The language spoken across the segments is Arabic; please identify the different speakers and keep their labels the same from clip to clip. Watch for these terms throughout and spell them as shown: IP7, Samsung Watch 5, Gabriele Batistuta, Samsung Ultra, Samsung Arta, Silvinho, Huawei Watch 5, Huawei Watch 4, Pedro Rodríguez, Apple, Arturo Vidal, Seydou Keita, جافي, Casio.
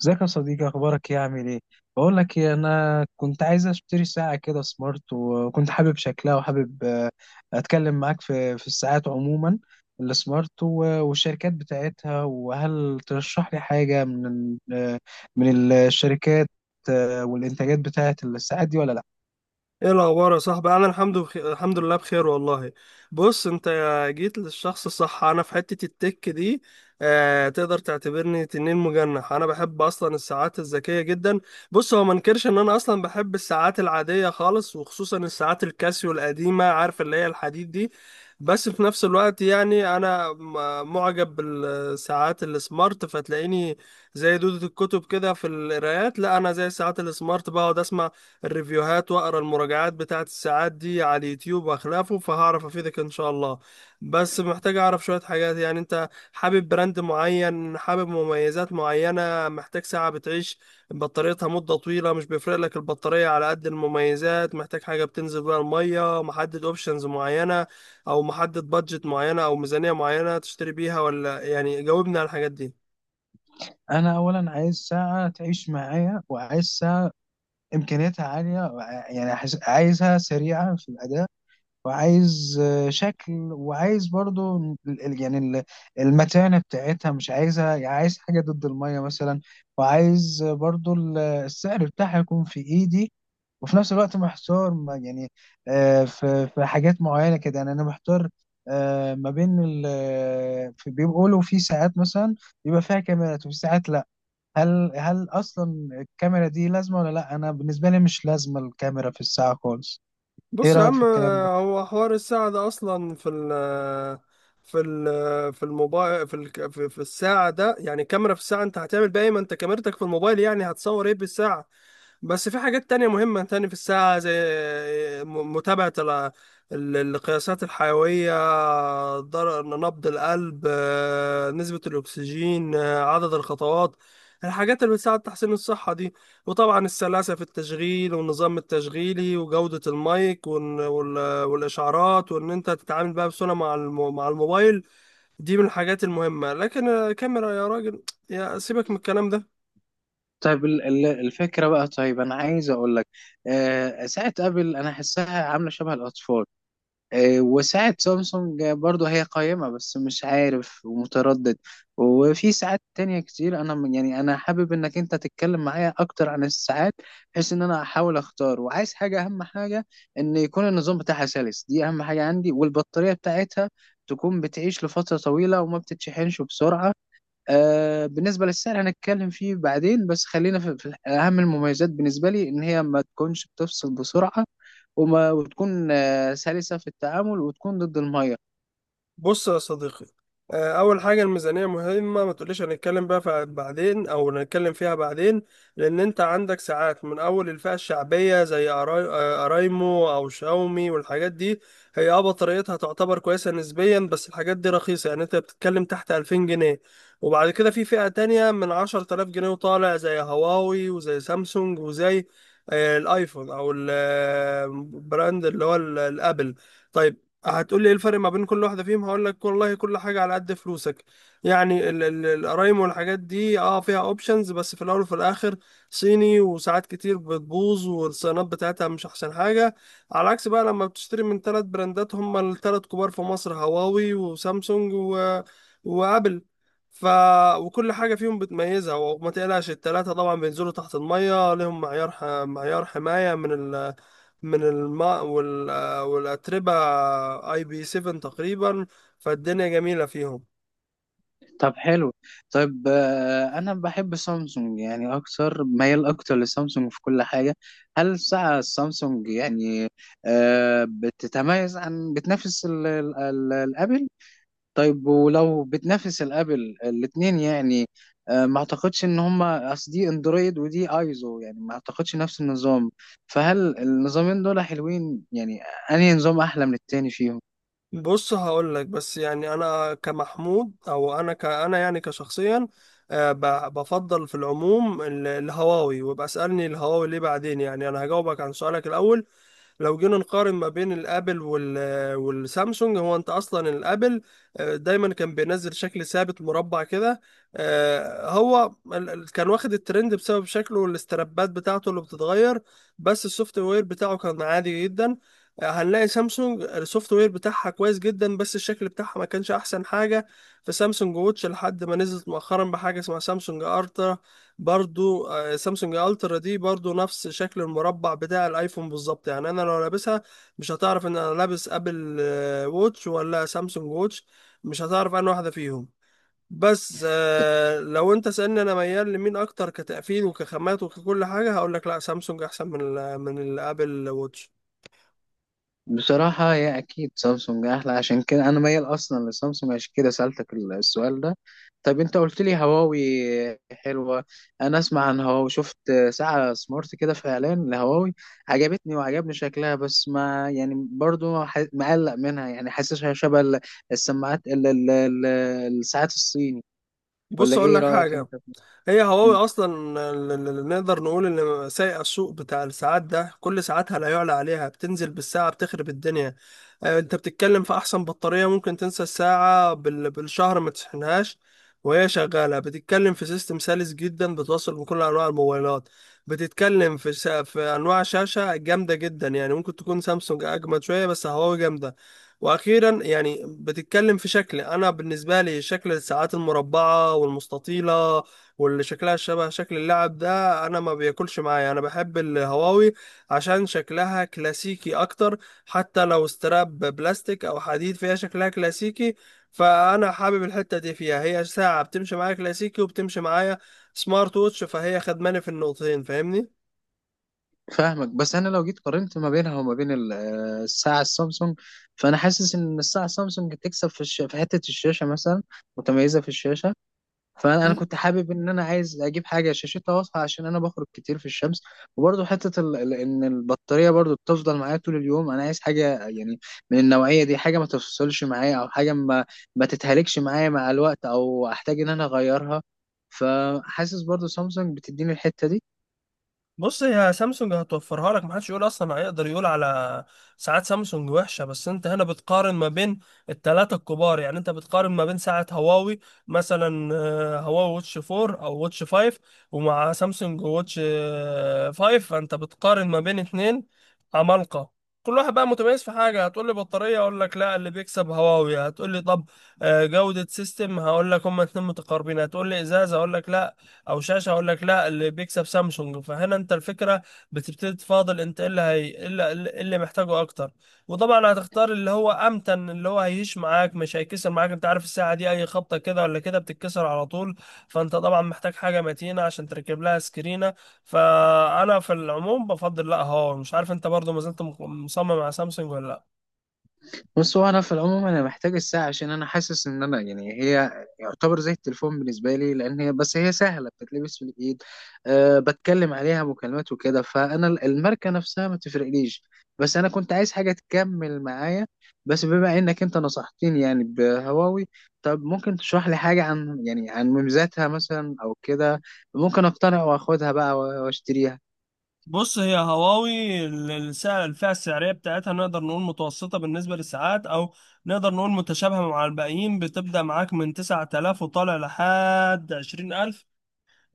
Speaker 1: ازيك يا صديقي؟ اخبارك ايه؟ عامل ايه؟ بقول لك ايه، انا كنت عايز اشتري ساعه كده سمارت، وكنت حابب شكلها، وحابب اتكلم معاك في الساعات عموما. السمارت والشركات بتاعتها. وهل ترشح لي حاجه من من الشركات؟ والانتاجات بتاعت الساعات دي ولا لا؟
Speaker 2: ايه الاخبار يا صاحبي؟ انا الحمد لله بخير والله. بص انت، جيت للشخص الصح. انا في حتة التك دي. آه، تقدر تعتبرني تنين مجنح. انا بحب اصلا الساعات الذكية جدا. بص، هو ما انكرش ان انا اصلا بحب الساعات العادية خالص، وخصوصا الساعات الكاسيو القديمة، عارف اللي هي الحديد دي. بس في نفس الوقت يعني انا معجب بالساعات السمارت، فتلاقيني زي دودة الكتب كده في القرايات. لا، انا زي الساعات السمارت، بقعد اسمع الريفيوهات واقرا المراجعات بتاعت الساعات دي على اليوتيوب واخلافه، فهعرف افيدك ان شاء الله. بس محتاج اعرف شوية حاجات. يعني انت حابب براند معين؟ حابب مميزات معينة؟ محتاج ساعة بتعيش بطاريتها مدة طويلة، مش بيفرق لك البطارية على قد المميزات؟ محتاج حاجة بتنزل بيها المية؟ محدد اوبشنز معينة، او محدد بادجت معينة او ميزانية معينة تشتري بيها؟ ولا يعني جاوبني على الحاجات دي.
Speaker 1: انا اولا عايز ساعه تعيش معايا، وعايز ساعه امكانياتها عاليه، يعني عايزها سريعه في الاداء. وعايز شكل، وعايز برضو ال- يعني ال- المتانة بتاعتها، مش عايزها يعني عايز حاجة ضد المية مثلا. وعايز برضو السعر بتاعها يكون في ايدي. وفي نفس الوقت محتار يعني، في حاجات معينة كده، يعني انا محتار ما بين بيقولوا في ساعات مثلا بيبقى فيها كاميرات، وفي ساعات لا. هل اصلا الكاميرا دي لازمة ولا لا؟ انا بالنسبة لي مش لازمة الكاميرا في الساعة خالص. ايه
Speaker 2: بص يا
Speaker 1: رأيك في
Speaker 2: عم،
Speaker 1: الكلام ده؟
Speaker 2: هو حوار الساعة ده أصلا في الموبايل، في ال في في الساعة ده، يعني كاميرا في الساعة؟ أنت هتعمل بيها إيه؟ ما أنت كاميرتك في الموبايل، يعني هتصور إيه بالساعة؟ بس في حاجات تانية مهمة تاني في الساعة، زي متابعة القياسات الحيوية، نبض القلب، نسبة الأكسجين، عدد الخطوات، الحاجات اللي بتساعد تحسين الصحة دي. وطبعا السلاسة في التشغيل، والنظام التشغيلي، وجودة المايك، والإشعارات، وإن أنت تتعامل بقى بسهولة مع الموبايل. دي من الحاجات المهمة. لكن كاميرا يا راجل؟ يا سيبك من الكلام ده.
Speaker 1: طيب، الفكرة بقى، طيب أنا عايز أقول لك، ساعة أبل أنا أحسها عاملة شبه الأطفال. وساعة سامسونج برضو هي قائمة، بس مش عارف ومتردد. وفي ساعات تانية كتير أنا يعني أنا حابب إنك أنت تتكلم معايا أكتر عن الساعات، بحيث إن أنا أحاول أختار. وعايز حاجة، أهم حاجة إن يكون النظام بتاعها سلس، دي أهم حاجة عندي، والبطارية بتاعتها تكون بتعيش لفترة طويلة وما بتتشحنش بسرعة. بالنسبة للسعر هنتكلم فيه بعدين، بس خلينا في أهم المميزات بالنسبة لي، إن هي ما تكونش بتفصل بسرعة، وتكون سلسة في التعامل، وتكون ضد المية.
Speaker 2: بص يا صديقي، اول حاجه الميزانيه مهمه. ما تقوليش هنتكلم بقى فيها بعدين او نتكلم فيها بعدين. لان انت عندك ساعات من اول الفئه الشعبيه، زي ارايمو او شاومي والحاجات دي. هي بطاريتها تعتبر كويسه نسبيا، بس الحاجات دي رخيصه، يعني انت بتتكلم تحت 2000 جنيه. وبعد كده في فئه تانية من 10000 جنيه وطالع، زي هواوي وزي سامسونج وزي الايفون، او البراند اللي هو الابل. طيب، هتقول لي ايه الفرق ما بين كل واحده فيهم؟ هقول لك والله كل حاجه على قد فلوسك. يعني القرايم والحاجات دي فيها اوبشنز، بس في الاول وفي الاخر صيني، وساعات كتير بتبوظ، والصيانات بتاعتها مش احسن حاجه. على عكس بقى لما بتشتري من ثلاث براندات، هم الثلاث كبار في مصر: هواوي، وسامسونج، وابل. ف وكل حاجه فيهم بتميزها، وما تقلقش. الثلاثه طبعا بينزلوا تحت الميه، لهم معيار حمايه من الماء والأتربة، اي بي 7 تقريبا. فالدنيا جميلة فيهم.
Speaker 1: طب حلو. طيب، أنا بحب سامسونج، يعني أكتر ميال، أكتر لسامسونج في كل حاجة. هل الساعة السامسونج، يعني، بتتميز عن، بتنافس الأبل؟ طيب، ولو بتنافس الابل، الاثنين يعني، ما اعتقدش ان هما، اصل دي اندرويد ودي ايزو، يعني ما اعتقدش نفس النظام. فهل النظامين دول حلوين؟ يعني انهي نظام احلى من التاني فيهم؟
Speaker 2: بص هقول لك، بس يعني انا كمحمود، او انا ك انا يعني كشخصيا، بفضل في العموم الهواوي. وابقى اسالني الهواوي ليه بعدين. يعني انا هجاوبك عن سؤالك الاول. لو جينا نقارن ما بين الابل والسامسونج: هو انت اصلا الابل دايما كان بينزل شكل ثابت مربع كده. هو كان واخد الترند بسبب شكله والاسترابات بتاعته اللي بتتغير، بس السوفت وير بتاعه كان عادي جدا. هنلاقي سامسونج السوفت وير بتاعها كويس جدا، بس الشكل بتاعها ما كانش احسن حاجة في سامسونج ووتش، لحد ما نزلت مؤخرا بحاجة اسمها سامسونج ارتا. برضو سامسونج الترا دي برضو نفس شكل المربع بتاع الايفون بالظبط. يعني انا لو لابسها، مش هتعرف ان انا لابس ابل ووتش ولا سامسونج ووتش، مش هتعرف انا واحدة فيهم. بس لو انت سألني انا ميال لمين اكتر، كتقفيل وكخامات وككل حاجة، هقول لك لا، سامسونج احسن من ال من الابل ووتش.
Speaker 1: بصراحة هي أكيد سامسونج أحلى، عشان كده أنا ميال أصلا لسامسونج، عشان كده سألتك السؤال ده. طب أنت قلت لي هواوي حلوة. أنا أسمع عن هواوي، شفت ساعة سمارت كده في إعلان لهواوي، عجبتني وعجبني شكلها، بس ما يعني برضو مقلق منها، يعني حاسسها شبه ال- السماعات ال- ال- ال- الساعات الصيني. ولا
Speaker 2: بص اقول
Speaker 1: إيه
Speaker 2: لك
Speaker 1: رأيك أنت؟
Speaker 2: حاجة، هي هواوي اصلا نقدر نقول ان سايقه السوق بتاع الساعات ده. كل ساعاتها لا يعلى عليها، بتنزل بالساعه بتخرب الدنيا. انت بتتكلم في احسن بطاريه، ممكن تنسى الساعه بالشهر ما تشحنهاش وهي شغاله. بتتكلم في سيستم سلس جدا، بتوصل بكل انواع الموبايلات. بتتكلم في في انواع شاشه جامده جدا، يعني ممكن تكون سامسونج اجمد شويه، بس هواوي جامده. واخيرا يعني بتتكلم في شكل، انا بالنسبه لي شكل الساعات المربعه والمستطيله واللي شكلها شبه شكل اللعب ده، انا ما بياكلش معايا. انا بحب الهواوي عشان شكلها كلاسيكي اكتر، حتى لو استراب بلاستيك او حديد فيها، شكلها كلاسيكي. فانا حابب الحتة دي فيها، هي ساعة بتمشي معايا كلاسيكي وبتمشي معايا سمارت ووتش، فهي خدماني في النقطتين، فاهمني؟
Speaker 1: فاهمك. بس انا لو جيت قارنت ما بينها وما بين الساعه السامسونج، فانا حاسس ان الساعه السامسونج تكسب في في حته الشاشه مثلا، متميزه في الشاشه. فانا كنت حابب ان انا عايز اجيب حاجه شاشتها واضحه، عشان انا بخرج كتير في الشمس. وبرضه حته ان البطاريه برضه بتفضل معايا طول اليوم. انا عايز حاجه، يعني من النوعيه دي، حاجه ما تفصلش معايا، او حاجه ما تتهلكش معايا مع الوقت، او احتاج ان انا اغيرها. فحاسس برضه سامسونج بتديني الحته دي.
Speaker 2: بص، هي سامسونج هتوفرها لك، محدش يقول اصلا هيقدر يقول على ساعات سامسونج وحشه. بس انت هنا بتقارن ما بين الثلاثه الكبار، يعني انت بتقارن ما بين ساعه هواوي مثلا، هواوي واتش 4 او واتش 5، ومع سامسونج واتش 5. فانت بتقارن ما بين اتنين عمالقه. كل واحد بقى متميز في حاجه. هتقول لي بطاريه، اقول لك لا، اللي بيكسب هواوي. هتقول لي طب، جوده سيستم، هقول لك هما اتنين متقاربين. هتقول لي ازازه، اقول لك لا، او شاشه، اقول لك لا، اللي بيكسب سامسونج. فهنا انت الفكره بتبتدي تفاضل انت ايه اللي هي إيه اللي, إيه اللي محتاجه اكتر. وطبعا هتختار اللي هو امتن، اللي هو هيهش معاك، مش هيكسر معاك. انت عارف الساعه دي اي خبطه كده ولا كده بتتكسر على طول، فانت طبعا محتاج حاجه متينه عشان تركب لها سكرينه. فانا في العموم بفضل لا، هواوي. مش عارف انت برضو ما زلت مصمم على سامسونج ولا لا.
Speaker 1: بص، هو انا في العموم انا محتاج الساعه، عشان انا حاسس ان انا، يعني، هي يعتبر زي التليفون بالنسبه لي، لان هي، بس هي سهله بتتلبس في الايد. أه بتكلم عليها مكالمات وكده، فانا الماركه نفسها ما تفرقليش. بس انا كنت عايز حاجه تكمل معايا. بس بما انك انت نصحتني يعني بهواوي، طب ممكن تشرح لي حاجه عن، يعني، عن مميزاتها مثلا او كده؟ ممكن اقتنع واخدها بقى واشتريها.
Speaker 2: بص هي هواوي السعر، الفئة السعرية بتاعتها نقدر نقول متوسطة بالنسبة للساعات، أو نقدر نقول متشابهة مع الباقيين، بتبدأ معاك من 9000 وطالع لحد 20000.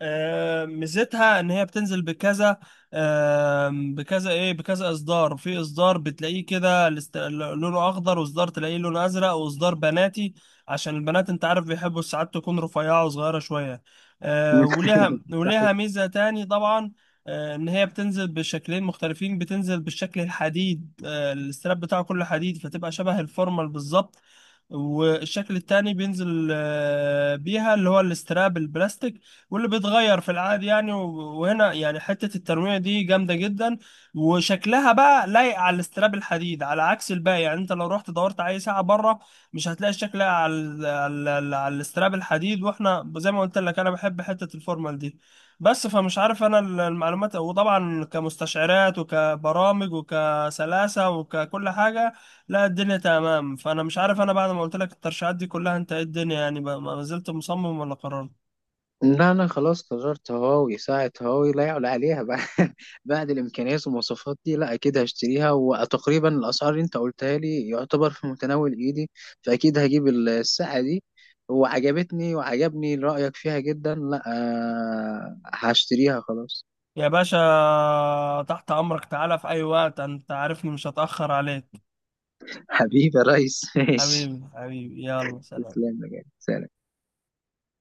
Speaker 2: ميزتها ان هي بتنزل بكذا، آه، بكذا ايه بكذا اصدار. في اصدار بتلاقيه كده لونه اخضر، واصدار تلاقيه لونه ازرق، واصدار بناتي عشان البنات انت عارف بيحبوا ساعات تكون رفيعة وصغيرة شوية. وليها ميزة تاني طبعا، ان هي بتنزل بشكلين مختلفين. بتنزل بالشكل الحديد، الاستراب بتاعه كله حديد، فتبقى شبه الفورمال بالظبط. والشكل التاني بينزل بيها اللي هو الاستراب البلاستيك واللي بيتغير في العادي، يعني وهنا يعني حتة التنويع دي جامدة جدا. وشكلها بقى لايق على الاستراب الحديد، على عكس الباقي. يعني انت لو رحت دورت على اي ساعة بره، مش هتلاقي الشكل لايق على الاستراب الحديد. واحنا زي ما قلت لك انا بحب حتة الفورمال دي بس، فمش عارف. انا المعلومات، وطبعا كمستشعرات وكبرامج وكسلاسة وككل حاجة، لا الدنيا تمام. فانا مش عارف انا بعد ما قلت لك الترشيحات دي كلها، انت ايه الدنيا يعني بقى، ما زلت مصمم ولا قررت؟
Speaker 1: لا أنا خلاص قررت، هواوي، ساعة هواوي لا يعلى عليها. بعد بعد الإمكانيات والمواصفات دي، لا أكيد هشتريها. وتقريبا الأسعار اللي أنت قلتها لي يعتبر في متناول إيدي، فأكيد هجيب الساعة دي. وعجبتني وعجبني رأيك فيها جدا. لا هشتريها خلاص.
Speaker 2: يا باشا، تحت امرك، تعالى في اي وقت، انت عارفني مش هتاخر عليك.
Speaker 1: حبيبي يا ريس ماشي.
Speaker 2: حبيبي، حبيبي، يلا سلام.
Speaker 1: تسلم يا جدع. سلام.